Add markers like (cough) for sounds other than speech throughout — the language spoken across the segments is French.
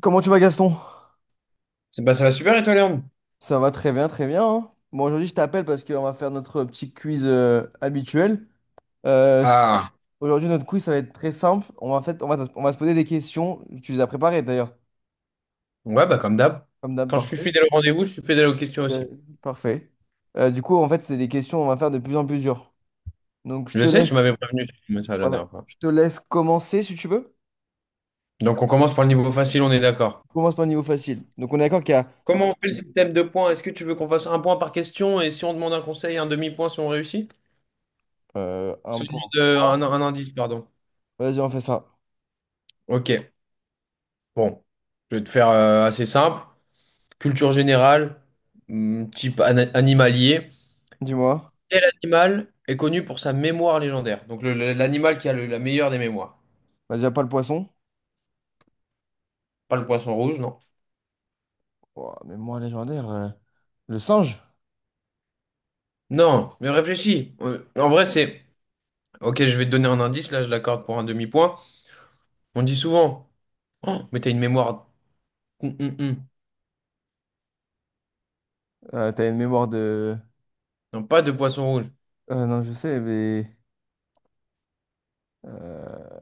Comment tu vas Gaston? C'est- ça va super et toi, Léon? Ça va très bien, très bien, hein. Bon, aujourd'hui, je t'appelle parce qu'on va faire notre petit quiz habituel. Euh, s- Ah, Aujourd'hui, notre quiz, ça va être très simple. On va, fait, on va se poser des questions. Tu les as préparées d'ailleurs. ouais, bah comme d'hab. Comme d'hab, Quand je suis parfait. fidèle au rendez-vous, je suis fidèle aux questions Euh, aussi. Parfait. Du coup, en fait, c'est des questions on va faire de plus en plus dures. Donc, je Je te sais, laisse, tu m'avais prévenu sur le message la voilà, dernière fois. je te laisse commencer si tu veux. Donc on commence par le niveau facile, on est d'accord. Commence par le niveau facile. Donc, on est d'accord qu'il y a Comment on fait le système de points? Est-ce que tu veux qu'on fasse un point par question et si on demande un conseil, un demi-point si on réussit? Si un on point. demande un indice, pardon. Vas-y, on fait ça. Ok, bon. Je vais te faire assez simple. Culture générale, type animalier. Dis-moi. Quel animal est connu pour sa mémoire légendaire? Donc l'animal qui a la meilleure des mémoires. Bah, déjà, pas le poisson. Pas le poisson rouge, non? Ouah, mais moi, légendaire, le singe. Non, mais réfléchis. En vrai, c'est... Ok, je vais te donner un indice, là, je l'accorde pour un demi-point. On dit souvent, oh, mais t'as une mémoire... hum. T'as une mémoire de. Non, pas de poisson rouge. Non, je sais, mais. euh,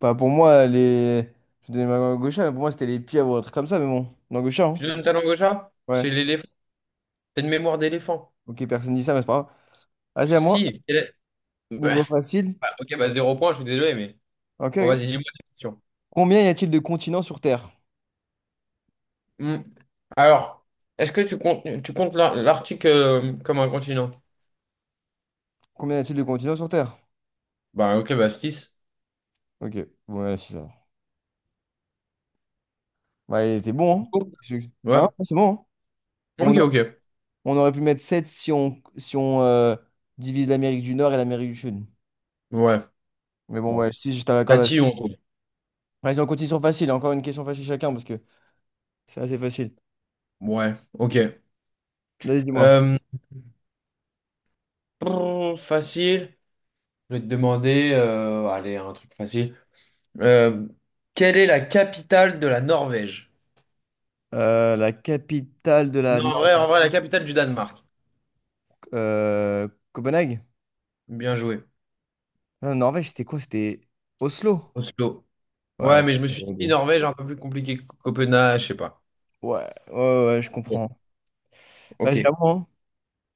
Bah, pour moi, les. Je donnais ma main à, mais pour moi, c'était les pieds ou un truc comme ça, mais bon. Non, Gaucha, hein? Tu donnes ta langue au chat? Ouais. C'est l'éléphant. T'as une mémoire d'éléphant. (laughs) Ok, personne dit ça, mais c'est pas grave. Vas-y, à moi. Si. Bah, Niveau facile. bah, ok, bah zéro point, je suis désolé, mais... Ok, Bon, ok. vas-y, dis-moi des questions. Combien y a-t-il de continents sur Terre? Hum. Alors, est-ce que tu comptes l'Arctique comme un continent? Combien y a-t-il de continents sur Terre? Bah, ok, bah 6. Ok, ouais, c'est ça. Bah, il était bon, hein? Qu'est-ce que- Hein? Ouais. Ouais, c'est bon, hein? On, Ok, a- ok. on aurait pu mettre 7 si on divise l'Amérique du Nord et l'Amérique du Sud. Ouais. Mais bon, Bon. ouais, si je t'accorde. Tati, on trouve. Vas-y, on continue sur facile. Encore une question facile chacun, parce que. C'est assez facile. Ouais, ok. Vas-y, dis-moi. Euh, Brrr, facile. Je vais te demander, allez, un truc facile. Euh, quelle est la capitale de la Norvège? La capitale de la Non, Nor- en vrai, la capitale du Danemark. Copenhague? Bien joué. Non, Norvège, c'était quoi? C'était Oslo? Oslo. Ouais. Ouais, mais je me suis dit Ouais, Norvège un peu plus compliqué que Copenhague, je sais pas. ouais, ouais, ouais, je Bon, comprends. Vas-y, à ok. moi, hein.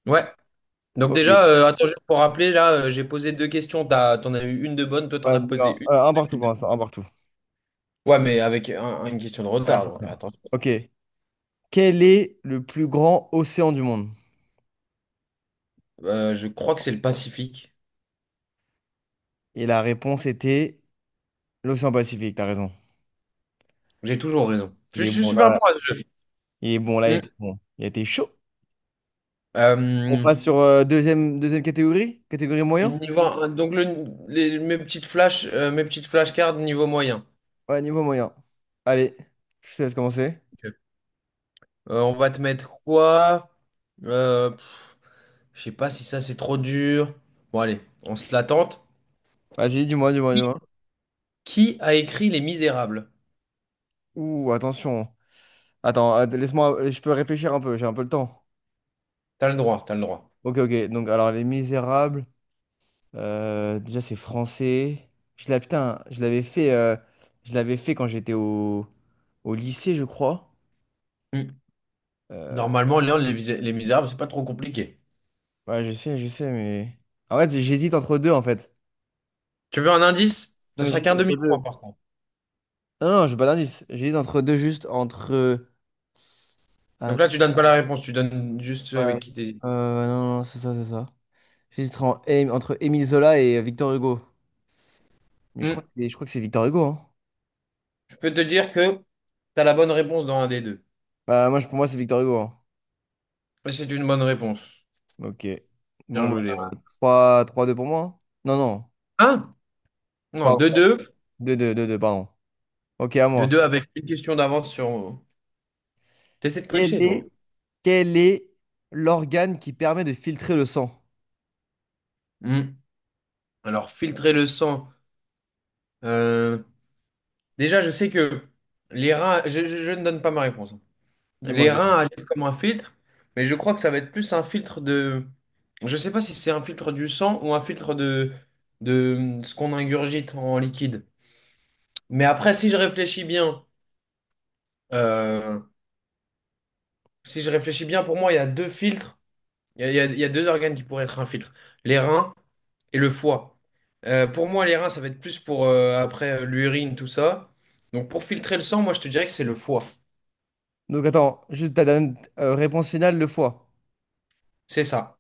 Ouais. Donc Ok. déjà, attends, juste pour rappeler, là, j'ai posé 2 questions. T'en as eu une de bonne, toi t'en Ouais, as posé non, une. J'en un ai eu partout une pour de- l'instant, un partout. Ouais, mais avec une question de Ouais, retard. c'est Donc, ça. attends. Ok. Quel est le plus grand océan du monde? Je crois que c'est le Pacifique. Et la réponse était l'océan Pacifique, t'as raison. J'ai toujours raison. Il Je est suis bon, super bon là. à ce jeu. Il est bon, là, il Hmm. était bon. Il était chaud. On Euh, passe sur deuxième catégorie? Catégorie moyen? niveau un, donc mes petites flash mes petites flashcards niveau moyen. Ouais, niveau moyen. Allez, je te laisse commencer. Ok. On va te mettre quoi? Euh, pff, je sais pas si ça c'est trop dur. Bon allez, on se la tente. Vas-y, dis-moi, dis-moi, Qui dis-moi. qui a écrit Les Misérables? Ouh, attention. Attends, laisse-moi, je peux réfléchir un peu, j'ai un peu le temps. T'as le droit, t'as le droit. Ok, ok. Donc, alors, Les Misérables, déjà, c'est français. Putain, je l'avais fait quand j'étais au lycée, je crois. Hmm. Euh, Normalement, Léon, les Misérables, c'est pas trop compliqué. ouais, je sais, mais. En fait, j'hésite entre deux, en fait. Tu veux un indice? Non, Ce mais sera j'hésite qu'un entre demi-point deux. par contre. Non, non, j'ai pas d'indice. J'hésite entre deux, juste entre. Donc Ah, là, tu donnes pas la réponse, tu donnes juste ceux ouais. avec qui t'hésites. Non, non, c'est ça, c'est ça. J'hésiterais entre Émile Zola et Victor Hugo. Mais je crois Hmm. que c'est, je crois que c'est Victor Hugo, hein. Je peux te dire que t'as la bonne réponse dans un des deux. Bah, moi, pour moi, c'est Victor Hugo, hein. Et c'est une bonne réponse. Ok. Bien Bon, joué, bah, Léon. 3 3-2 pour moi, hein. Non, non. Hein. Non, Pardon. 2 deux, Deux deux deux 2, pardon. Ok, à 2 moi. deux avec une question d'avance sur... T'essaies de Quel tricher, est, toi. quel est l'organe qui permet de filtrer le sang? Hmm. Alors, filtrer le sang. Euh, Déjà, je sais que les reins... je ne donne pas ma réponse. Hein. Dis-moi, Les dis-moi. reins agissent comme un filtre, mais je crois que ça va être plus un filtre de... Je sais pas si c'est un filtre du sang ou un filtre de ce qu'on ingurgite en liquide. Mais après, si je réfléchis bien, euh, si je réfléchis bien, pour moi, il y a 2 filtres. Il y a 2 organes qui pourraient être un filtre, les reins et le foie. Pour moi, les reins, ça va être plus pour après l'urine, tout ça. Donc pour filtrer le sang, moi, je te dirais que c'est le foie. Donc, attends, juste ta dernière réponse finale, le foie. C'est ça.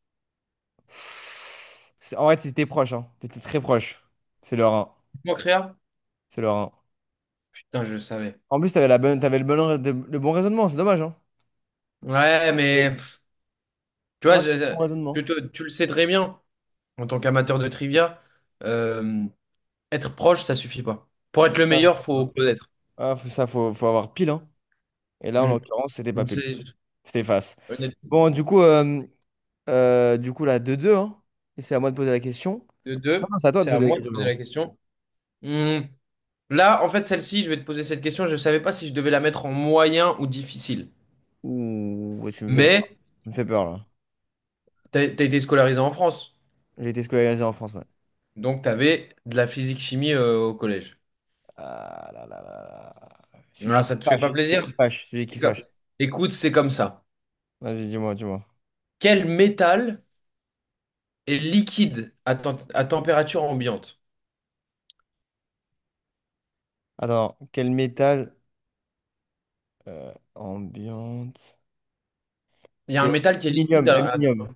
En vrai, t'étais proche, hein. T'étais très proche. C'est le rein. Moi, Créa? C'est le rein. Putain, je le savais. En plus, t'avais la bonne, t'avais le bon, le bon raisonnement, c'est dommage, hein. Ouais, Ouais. mais pff, tu vois, Non, t'avais le bon raisonnement. Tu le sais très bien, en tant qu'amateur de trivia, euh, être proche, ça suffit pas. Pour être le Ah, meilleur, ça, faut va. connaître. Ah, ça, faut avoir pile, hein. Et là, en Mm. l'occurrence, c'était pas Donc, pile. c'est- C'était face. honnêtement, Bon, du coup, là, 2-2, hein. Et c'est à moi de poser la question. de Non, deux, non, c'est à toi de c'est à poser la moi de question. poser la Pardon. question. Hmm. Là, en fait, celle-ci, je vais te poser cette question. Je ne savais pas si je devais la mettre en moyen ou difficile. Ouh, ouais, tu me fais peur. Mais Tu me fais peur, là. tu as été scolarisé en France. J'ai été scolarisé en France, ouais. Donc, tu avais de la physique-chimie au collège. Ah là là là là. Ah, Sujet qui ça te fait fâche. pas Sujet plaisir? qui fâche. Sujet qui C'est comme- fâche. Écoute, c'est comme ça. Vas-y, dis-moi, dis-moi. Quel métal est liquide à, à température ambiante? Attends, quel métal ambiante? Il y a C'est un métal qui est liquide l'aluminium, à- l'aluminium.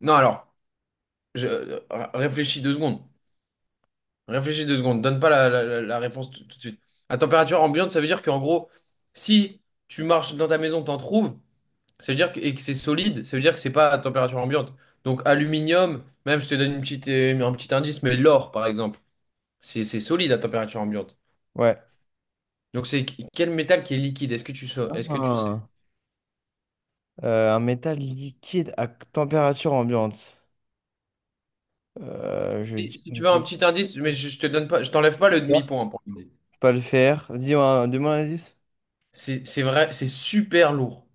Non, alors, je... euh, réfléchis 2 secondes. Réfléchis deux secondes. Donne pas la réponse tout tout de suite. À température ambiante, ça veut dire qu'en gros, si tu marches dans ta maison, t'en trouves. Ça veut dire que, et que c'est solide, ça veut dire que c'est pas à température ambiante. Donc aluminium, même si je te donne une petite, un petit indice, mais l'or par exemple, c'est solide à température ambiante. Ouais. Donc c'est quel métal qui est liquide? Est-ce que tu sais? Est-ce que tu sais? Ah. Un métal liquide à température ambiante. Je Si dis si le tu veux un petit indice, mais je te donne pas, je t'enlève pas le fer. demi-point pour l'indice. C'est pas le fer. Demande un indice. C'est vrai, c'est super lourd.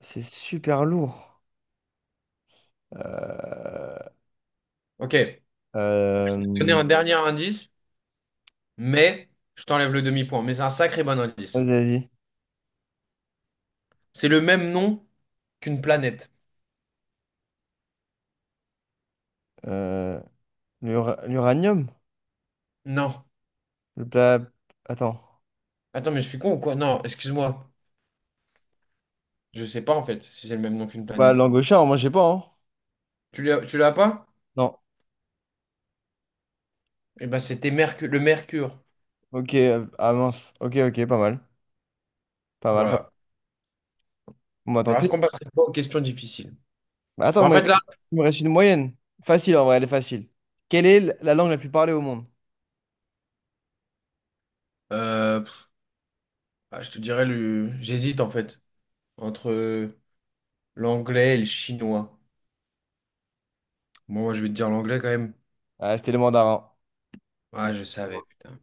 C'est super lourd. Euh, Ok, je vais te donner euh, un dernier indice, mais je t'enlève le demi-point. Mais c'est un sacré bon Vas-y, indice. vas-y. C'est le même nom qu'une planète. Euh, L'uranium? Non. Le plat. Attends. Attends, mais je suis con ou quoi? Non, excuse-moi. Je sais pas en fait si c'est le même nom qu'une Bah, planète. l'angochard, moi, je sais pas, hein. Tu l'as pas? Non. Eh ben c'était Mercure, le Mercure. Ok, ah mince. Ok, ok, pas mal. Pas mal, pas mal. Voilà. Bon, bah, tant Alors est-ce pis. qu'on passerait pas aux questions difficiles? Bah, attends, Bah, en moi, fait là, il me reste une moyenne. Facile, en vrai, elle est facile. Quelle est la langue la plus parlée au monde? euh, pff, ah, je te dirais le, j'hésite en fait entre l'anglais et le chinois. Bon, moi je vais te dire l'anglais quand même. Ah, c'était le mandarin. Ah je savais putain.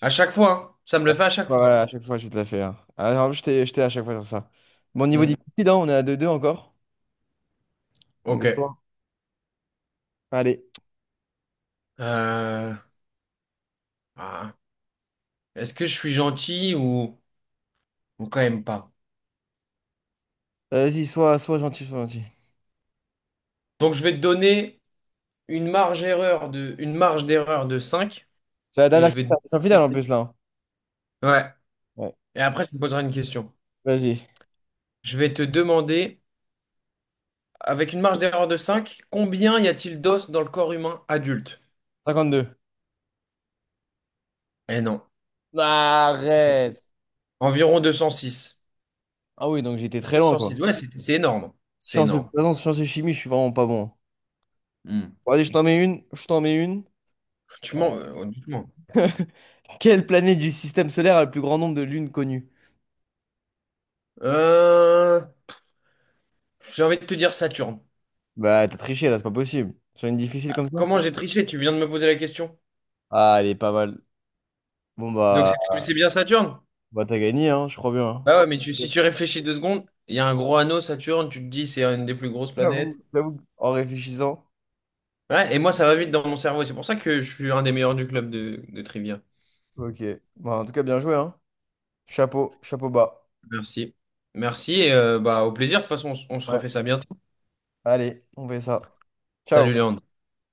À chaque fois, hein. Ça me le fait à chaque Ouais, ouais, fois. à chaque fois, je te la fais, hein. Ah, en plus, j'étais à chaque fois sur ça. Bon, niveau Hmm, difficile, hein, on est à deux deux encore. Donc, à ok. toi. Allez. Euh, ah. Est-ce que je suis gentil ou quand même pas? Vas-y, sois gentil, sois gentil. Donc je vais te donner une marge erreur de, une marge d'erreur de 5. C'est la Et dernière je vais question. C'est en te... finale en plus, là, hein. Ouais. Ouais. Et après, tu me poseras une question. Vas-y. Je vais te demander, avec une marge d'erreur de 5, combien y a-t-il d'os dans le corps humain adulte? 52. Eh non. Arrête. Environ 206. Ah oui, donc j'étais très loin, 206, quoi. ouais, c'est énorme. C'est Sciences de toute énorme. façon, sciences et chimie, je suis vraiment pas bon. Hmm. Bon, allez, je t'en mets une. Je t'en mets une. Tu mens, honnêtement. (laughs) Quelle planète du système solaire a le plus grand nombre de lunes connues? Euh, J'ai envie de te dire Saturne. Bah, t'as triché, là, c'est pas possible. Sur une difficile comme ça? Comment j'ai triché? Tu viens de me poser la question. Ah, elle est pas mal. Bon, Donc bah, c'est bien Saturne? bah t'as gagné, hein, je crois bien, Bah ouais, mais tu- hein. si tu réfléchis deux secondes, il y a un gros anneau, Saturne, tu te dis c'est une des plus grosses planètes. J'avoue, j'avoue. En réfléchissant. Ouais, et moi, ça va vite dans mon cerveau. C'est pour ça que je suis un des meilleurs du club de trivia. Ok. Bah, en tout cas, bien joué, hein. Chapeau, chapeau bas. Merci. Merci et bah, au plaisir. De toute façon, on se Ouais. refait ça bientôt. Allez, on fait ça. Ciao. Salut Léon.